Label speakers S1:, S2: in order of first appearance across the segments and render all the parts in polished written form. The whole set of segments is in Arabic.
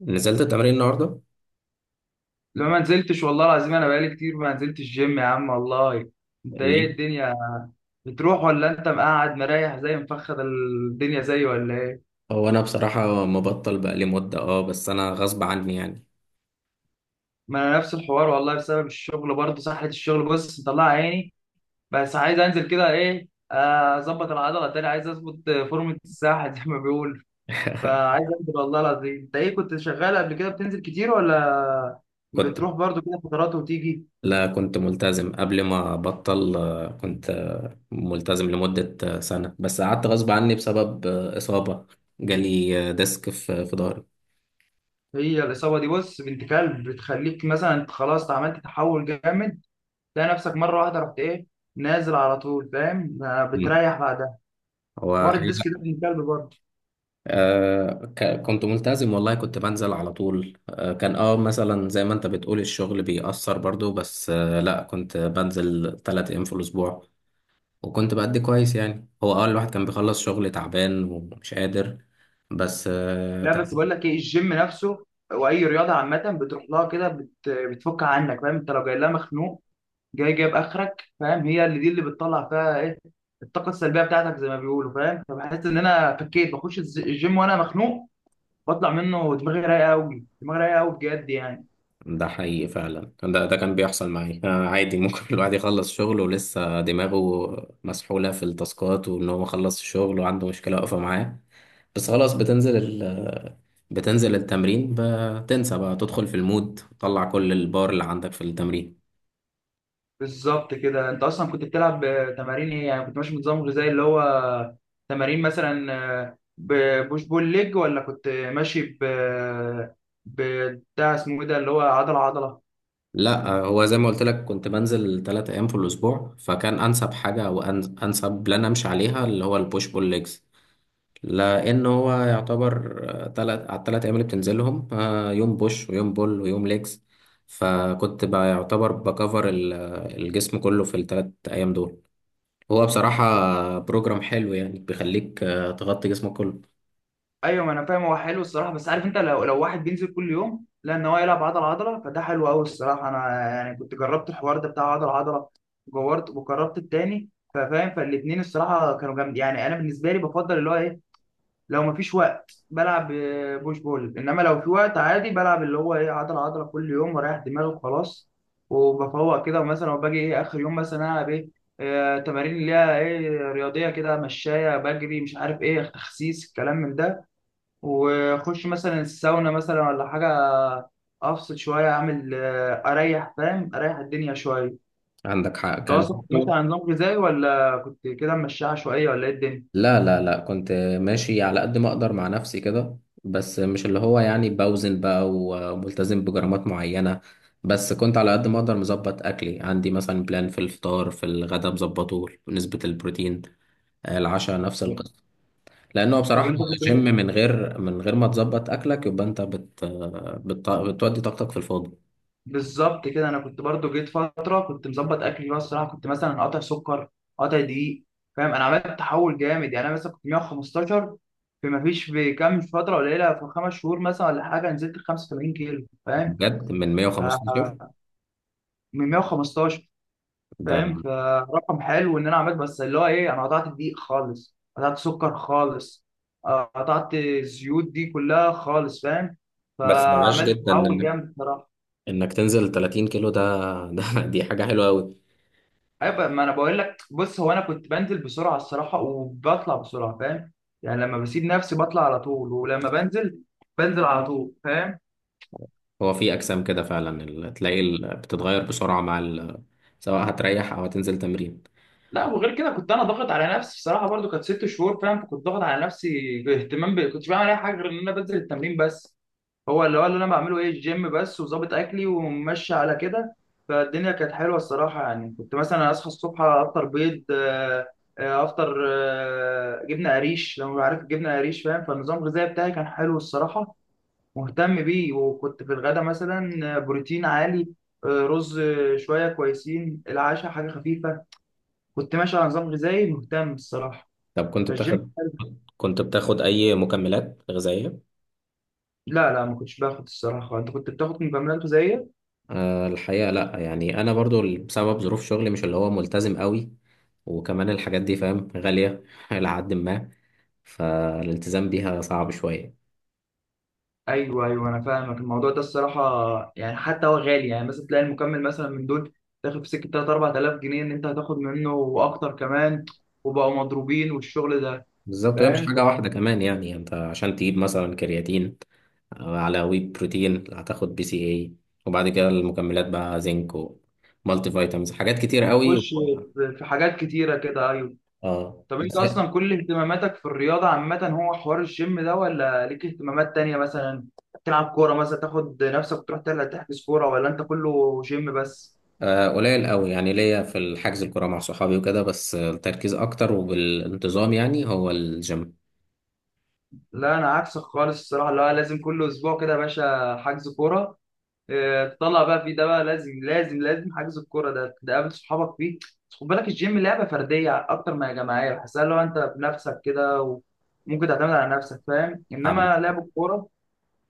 S1: نزلت التمرين النهارده؟
S2: لا، ما نزلتش والله العظيم، انا بقالي كتير ما نزلتش جيم يا عم والله. انت ايه
S1: ليه؟
S2: الدنيا؟ بتروح ولا انت مقعد مريح زي مفخد الدنيا زي ولا ايه؟
S1: هو انا بصراحه مبطل بقالي مده بس انا غصب عني يعني.
S2: ما انا نفس الحوار والله، بسبب الشغل برضه سحلة الشغل، بص مطلع عيني. بس عايز انزل كده، ايه اظبط العضله تاني، عايز اظبط فورمه الساحه زي ما بيقول. فعايز انزل والله العظيم. انت ايه، كنت شغال قبل كده بتنزل كتير ولا
S1: كنت.
S2: بتروح برضه كده فترات وتيجي؟
S1: لا، كنت ملتزم قبل ما ابطل، كنت ملتزم لمده سنه، بس قعدت غصب عني بسبب اصابه جالي ديسك في ظهري.
S2: هي الإصابة دي بص بنت كلب، بتخليك مثلا أنت خلاص عملت تحول جامد، تلاقي نفسك مره واحده رحت ايه، نازل على طول، فاهم؟ ما
S1: مم.
S2: بتريح بعدها.
S1: هو
S2: حوار الديسك ده
S1: حقيقة.
S2: من كلب برضه.
S1: كنت ملتزم والله، كنت بنزل على طول. كان مثلا زي ما انت بتقول الشغل بيأثر برضو، بس لا كنت بنزل 3 ايام في الاسبوع، وكنت بأدي كويس يعني. هو أول واحد كان بيخلص شغل تعبان ومش قادر، بس ده
S2: لا بس بقول لك ايه، الجيم نفسه واي رياضه عامه بتروح لها كده بتفك عنك، فاهم؟ انت لو جاي لها مخنوق جاي جايب اخرك، فاهم؟ هي اللي دي اللي بتطلع فيها ايه، الطاقه السلبيه بتاعتك زي ما بيقولوا، فاهم؟ فبحس ان انا فكيت. بخش الجيم وانا مخنوق، بطلع منه دماغي رايقه قوي، دماغي رايقه قوي بجد يعني.
S1: ده حقيقي فعلا، ده كان بيحصل معي. عادي ممكن الواحد يخلص شغل ولسه دماغه مسحولة في التاسكات، وإن هو خلص الشغل وعنده مشكلة واقفة معاه. بس خلاص، بتنزل بتنزل التمرين، بتنسى بقى، تدخل في المود، تطلع كل البار اللي عندك في التمرين.
S2: بالظبط كده. انت اصلا كنت بتلعب تمارين ايه يعني؟ كنت ماشي بنظام غذائي اللي هو تمارين مثلا ببوش بول ليج، ولا كنت ماشي ب بتاع اسمه ايه ده، اللي هو عضله عضله؟
S1: لا، هو زي ما قلت لك كنت بنزل 3 أيام في الأسبوع، فكان أنسب حاجة وأنسب بلان أمشي عليها اللي هو البوش بول ليجز، لان هو يعتبر تلات على التلات ايام اللي بتنزلهم، يوم بوش ويوم بول ويوم ليجز. فكنت بقى يعتبر بكفر الجسم كله في التلات ايام دول. هو بصراحة بروجرام حلو يعني، بيخليك تغطي جسمك كله.
S2: ايوه، ما انا فاهم. هو حلو الصراحه، بس عارف انت، لو واحد بينزل كل يوم، لا ان هو يلعب عضله عضله، فده حلو قوي الصراحه. انا يعني كنت جربت الحوار ده بتاع عضله عضله، وجربت التاني، ففاهم. فالاثنين الصراحه كانوا جامد يعني. انا بالنسبه لي بفضل اللي هو ايه، لو مفيش وقت بلعب بوش بول، انما لو في وقت عادي بلعب اللي هو ايه، عضله عضله كل يوم ورايح دماغي وخلاص. وبفوق كده ومثلا وباجي ايه اخر يوم مثلا، العب ايه تمارين اللي هي ايه، رياضيه كده، مشايه، بجري، مش عارف ايه، تخسيس، الكلام من ده. واخش مثلا الساونا مثلا ولا حاجه، افصل شويه، اعمل اريح، فاهم؟ اريح الدنيا شويه.
S1: عندك حق
S2: انت
S1: كان.
S2: اصلا كنت ماشي على نظام غذائي ولا كنت كده ماشي عشوائيه ولا ايه الدنيا؟
S1: لا لا لا، كنت ماشي على قد ما اقدر مع نفسي كده، بس مش اللي هو يعني بوزن بقى وملتزم بجرامات معينة. بس كنت على قد ما اقدر مظبط اكلي. عندي مثلا بلان في الفطار، في الغدا مظبطه نسبة البروتين، العشاء نفس القصة. لانه
S2: طب
S1: بصراحة
S2: انت
S1: جيم
S2: كنت.
S1: من غير ما تظبط اكلك، يبقى انت بت بت بتودي طاقتك في الفاضي.
S2: بالظبط كده. انا كنت برضو جيت فتره كنت مظبط اكلي، بقى الصراحه كنت مثلا قاطع سكر، قاطع دقيق، فاهم. انا عملت تحول جامد يعني. انا مثلا كنت 115، في ما فيش في كام فتره قليله، في خمس شهور مثلا ولا حاجه، نزلت 85 كيلو، فاهم؟
S1: بجد، من
S2: آه،
S1: 115
S2: من 115،
S1: ده؟
S2: فاهم؟ فرقم حلو ان انا عملت. بس اللي هو ايه، انا قطعت الدقيق خالص، قطعت سكر خالص قطعت الزيوت دي كلها خالص، فاهم؟
S1: بس ده ماشي
S2: فعملت
S1: جدا.
S2: تحول جامد.
S1: انك تنزل 30 كيلو، ده ده دي حاجة حلوة قوي.
S2: ايوه ما انا بقول لك، بص هو انا كنت بنزل بسرعه الصراحه، وبطلع بسرعه، فاهم؟ يعني لما بسيب نفسي بطلع على طول، ولما بنزل بنزل على طول، فاهم؟
S1: هو في اجسام كده فعلا، تلاقي بتتغير بسرعه مع سواء هتريح او هتنزل تمرين.
S2: لا وغير كده كنت انا ضاغط على نفسي الصراحه برضو، كانت ست شهور، فاهم؟ فكنت ضاغط على نفسي، اهتمام كنتش بعمل اي حاجه غير ان انا بنزل التمرين بس. هو اللي هو اللي انا بعمله ايه، الجيم بس، وظابط اكلي وماشي على كده. فالدنيا كانت حلوه الصراحه. يعني كنت مثلا اصحى الصبح، افطر بيض افطر جبنه قريش، لو عارف الجبنه قريش، فاهم؟ فالنظام الغذائي بتاعي كان حلو الصراحه، مهتم بيه. وكنت في الغدا مثلا بروتين عالي رز، شويه كويسين، العشاء حاجه خفيفه. كنت ماشي على نظام غذائي مهتم الصراحه.
S1: طب كنت
S2: فالجيم.
S1: بتاخد كنت بتاخد اي مكملات غذائيه؟
S2: لا لا، ما كنتش باخد الصراحه. انت كنت بتاخد؟ من بمرنته زيي.
S1: أه، الحقيقه لا يعني. انا برضو بسبب ظروف شغلي مش اللي هو ملتزم قوي، وكمان الحاجات دي فاهم غاليه الى حد ما، فالالتزام بيها صعب شويه.
S2: ايوه ايوه، انا فاهمك الموضوع ده الصراحه. يعني حتى هو غالي، يعني مثلا تلاقي المكمل مثلا من دول تاخد في سكه 3 4000 جنيه، ان انت هتاخد منه واكتر كمان، وبقوا مضروبين والشغل ده،
S1: بالظبط، هي مش
S2: فاهم؟
S1: حاجة واحدة كمان يعني انت عشان تجيب مثلا كرياتين على وي بروتين، هتاخد BCAA، وبعد كده المكملات بقى زنك ومالتي فيتامينز، حاجات كتير قوي
S2: فبتخش في حاجات كتيره كده، ايوه.
S1: اه
S2: طب انت
S1: بس.
S2: اصلا كل اهتماماتك في الرياضه عامه هو حوار الجيم ده، ولا ليك اهتمامات تانية مثلا تلعب كوره مثلا، تاخد نفسك تروح تلعب تحجز كوره، ولا انت كله جيم بس؟
S1: قليل قوي يعني، ليا في الحجز الكرة مع صحابي وكده، بس التركيز اكتر وبالانتظام يعني هو الجيم.
S2: لا انا عكسك خالص الصراحه. لا، لازم كل اسبوع كده يا باشا حجز كوره تطلع بقى فيه، ده بقى لازم لازم لازم، حجز الكوره ده تقابل صحابك فيه. بس خد بالك، الجيم لعبه فرديه اكتر ما هي جماعيه بحسها، لو انت بنفسك كده وممكن تعتمد على نفسك، فاهم؟
S1: عم-
S2: انما لعب الكوره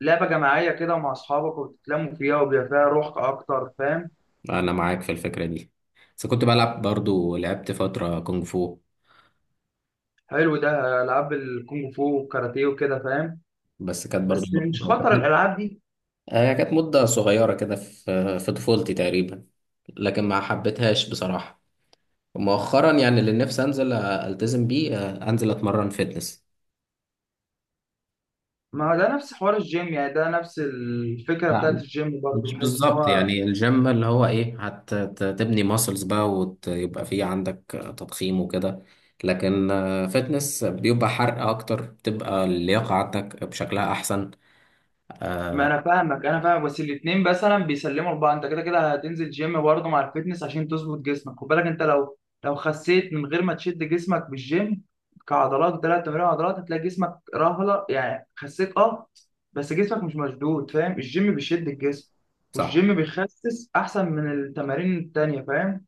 S2: لعبه جماعيه كده مع اصحابك، وبتتلموا فيها وبيبقى فيها روح اكتر، فاهم؟
S1: انا معاك في الفكرة دي، بس كنت بلعب، برضو لعبت فترة كونغ فو،
S2: حلو ده، العاب الكونغ فو والكاراتيه وكده، فاهم؟
S1: بس كانت برضو،
S2: بس مش خطر الالعاب دي.
S1: هي كانت مدة صغيرة كده في طفولتي تقريبا، لكن ما حبيتهاش بصراحة. مؤخرا يعني اللي نفسي أنزل، ألتزم بيه، أنزل أتمرن فيتنس.
S2: ما هو ده نفس حوار الجيم يعني، ده نفس الفكره بتاعت
S1: لا،
S2: الجيم برضه،
S1: مش
S2: بحس ان
S1: بالظبط
S2: هو.
S1: يعني. الجيم اللي هو إيه، هتبني ماسلز بقى، ويبقى فيه عندك تضخيم وكده، لكن فيتنس بيبقى حرق أكتر، بتبقى اللياقة عندك بشكلها أحسن.
S2: ما
S1: آه،
S2: انا فاهمك، انا فاهمك، بس الاثنين مثلا بيسلموا لبعض. انت كده كده هتنزل جيم برضه مع الفيتنس عشان تظبط جسمك. خد بالك انت، لو خسيت من غير ما تشد جسمك بالجيم كعضلات، ثلاث تمارين عضلات، هتلاقي جسمك رهله يعني، خسيت اه بس جسمك مش مشدود، فاهم؟ الجيم بيشد الجسم،
S1: صح.
S2: والجيم بيخسس احسن من التمارين التانية، فاهم؟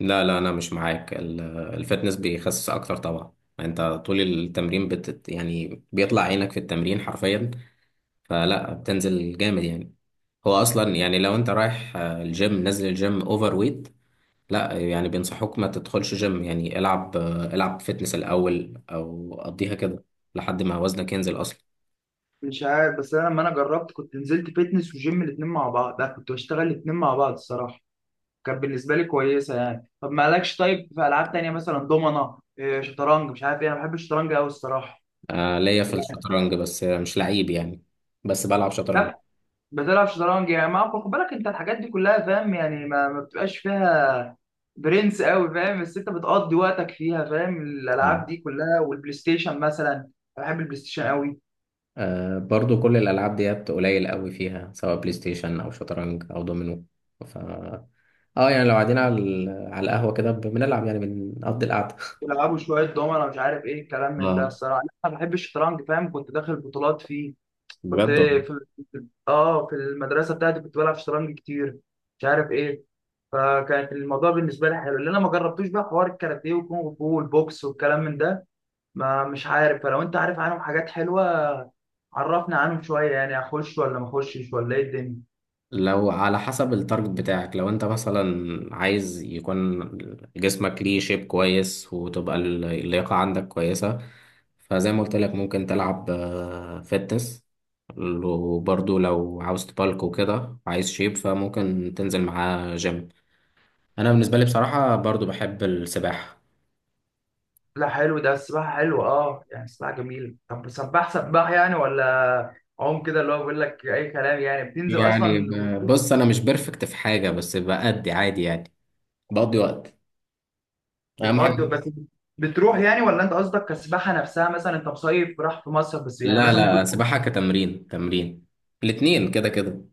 S1: لا لا، انا مش معاك. الفتنس بيخسس اكتر طبعا. انت طول التمرين يعني بيطلع عينك في التمرين حرفيا، فلا، بتنزل جامد يعني. هو اصلا يعني لو انت رايح الجيم، نازل الجيم اوفر ويت، لا يعني بينصحوك ما تدخلش جيم. يعني العب فتنس الاول او قضيها كده لحد ما وزنك ينزل اصلا.
S2: مش عارف، بس انا لما انا جربت كنت نزلت فيتنس وجيم الاثنين مع بعض. لا كنت بشتغل الاثنين مع بعض الصراحه، كانت بالنسبه لي كويسه يعني. طب مالكش، طيب في العاب تانية مثلا دومنه، إيه، شطرنج، مش عارف ايه؟ انا بحب الشطرنج قوي الصراحه
S1: ليا في
S2: يعني.
S1: الشطرنج بس مش لعيب يعني، بس بلعب شطرنج.
S2: لا بتلعب شطرنج يعني، ما خد بالك انت الحاجات دي كلها فاهم يعني، ما بتبقاش فيها برنس قوي، فاهم؟ بس انت بتقضي وقتك فيها، فاهم؟ الالعاب دي كلها، والبلاي ستيشن مثلا، أنا بحب البلاي ستيشن قوي.
S1: برضو كل الألعاب ديت قليل قوي فيها، سواء بلاي ستيشن أو شطرنج أو دومينو. ف اه يعني لو قاعدين على على القهوة كده بنلعب يعني، بنقضي القعدة.
S2: بيلعبوا شويه دومنه مش عارف ايه الكلام من ده.
S1: اه،
S2: الصراحه انا بحب الشطرنج، فاهم؟ كنت داخل بطولات فيه. كنت
S1: بجد والله.
S2: في اه، في المدرسه بتاعتي كنت بلعب شطرنج كتير، مش عارف ايه. فكانت الموضوع بالنسبه لي حلو. اللي انا ما جربتوش بقى حوار الكاراتيه والكونغ فو والبوكس والكلام من ده، ما مش عارف. فلو انت عارف عنهم حاجات حلوه عرفنا عنهم شويه، يعني اخش ولا ما اخشش ولا ايه الدنيا؟
S1: لو على حسب التارجت بتاعك، لو انت مثلا عايز يكون جسمك ليه شيب كويس وتبقى اللياقة عندك كويسة، فزي ما قلت لك ممكن تلعب فتنس، وبرضو لو عاوز تبالك وكده، عايز شيب، فممكن تنزل معاه جيم. انا بالنسبه لي بصراحه برضو بحب السباحه.
S2: لا حلو ده، السباحه حلوه اه، يعني السباحه جميله. طب سباح سباح يعني، ولا عوم كده، اللي هو بيقول لك اي كلام يعني؟ بتنزل
S1: يعني
S2: اصلا وبتروح،
S1: بص، انا مش بيرفكت في حاجه بس بأدي عادي يعني، بقضي وقت، اهم
S2: بتقضي
S1: حاجه.
S2: بس، بتروح يعني، ولا انت قصدك كسباحه نفسها؟ مثلا انت مصيف راح في مصر بس يعني،
S1: لا
S2: مثلا
S1: لا،
S2: ممكن.
S1: سباحه كتمرين، تمرين، الاتنين كده كده.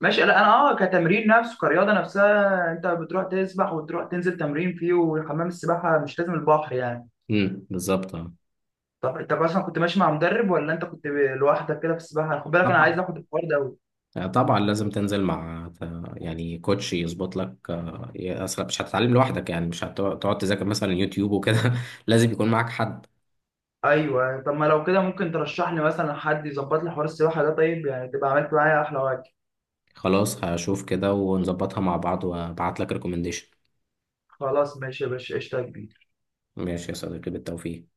S2: ماشي. لا انا اه، كتمرين نفسه، كرياضه نفسها، انت بتروح تسبح وتروح تنزل تمرين فيه، وحمام السباحه مش لازم البحر يعني.
S1: بالظبط آه.
S2: طب انت اصلا كنت ماشي مع مدرب ولا انت كنت لوحدك كده في السباحه؟ خد بالك انا عايز
S1: طبعا.
S2: اخد الحوار ده أوي.
S1: طبعا لازم تنزل مع يعني كوتش يظبط لك، اصلا مش هتتعلم لوحدك يعني. مش هتقعد تذاكر مثلا يوتيوب وكده. لازم يكون معاك حد.
S2: ايوه، طب ما لو كده ممكن ترشح لي مثلا حد يظبط لي حوار السباحه ده، طيب؟ يعني تبقى عملت معايا احلى واجب.
S1: خلاص، هشوف كده ونظبطها مع بعض وابعت لك ريكومنديشن.
S2: خلاص ماشي يا باشا، قشطه يا كبير.
S1: ماشي يا صديقي، بالتوفيق.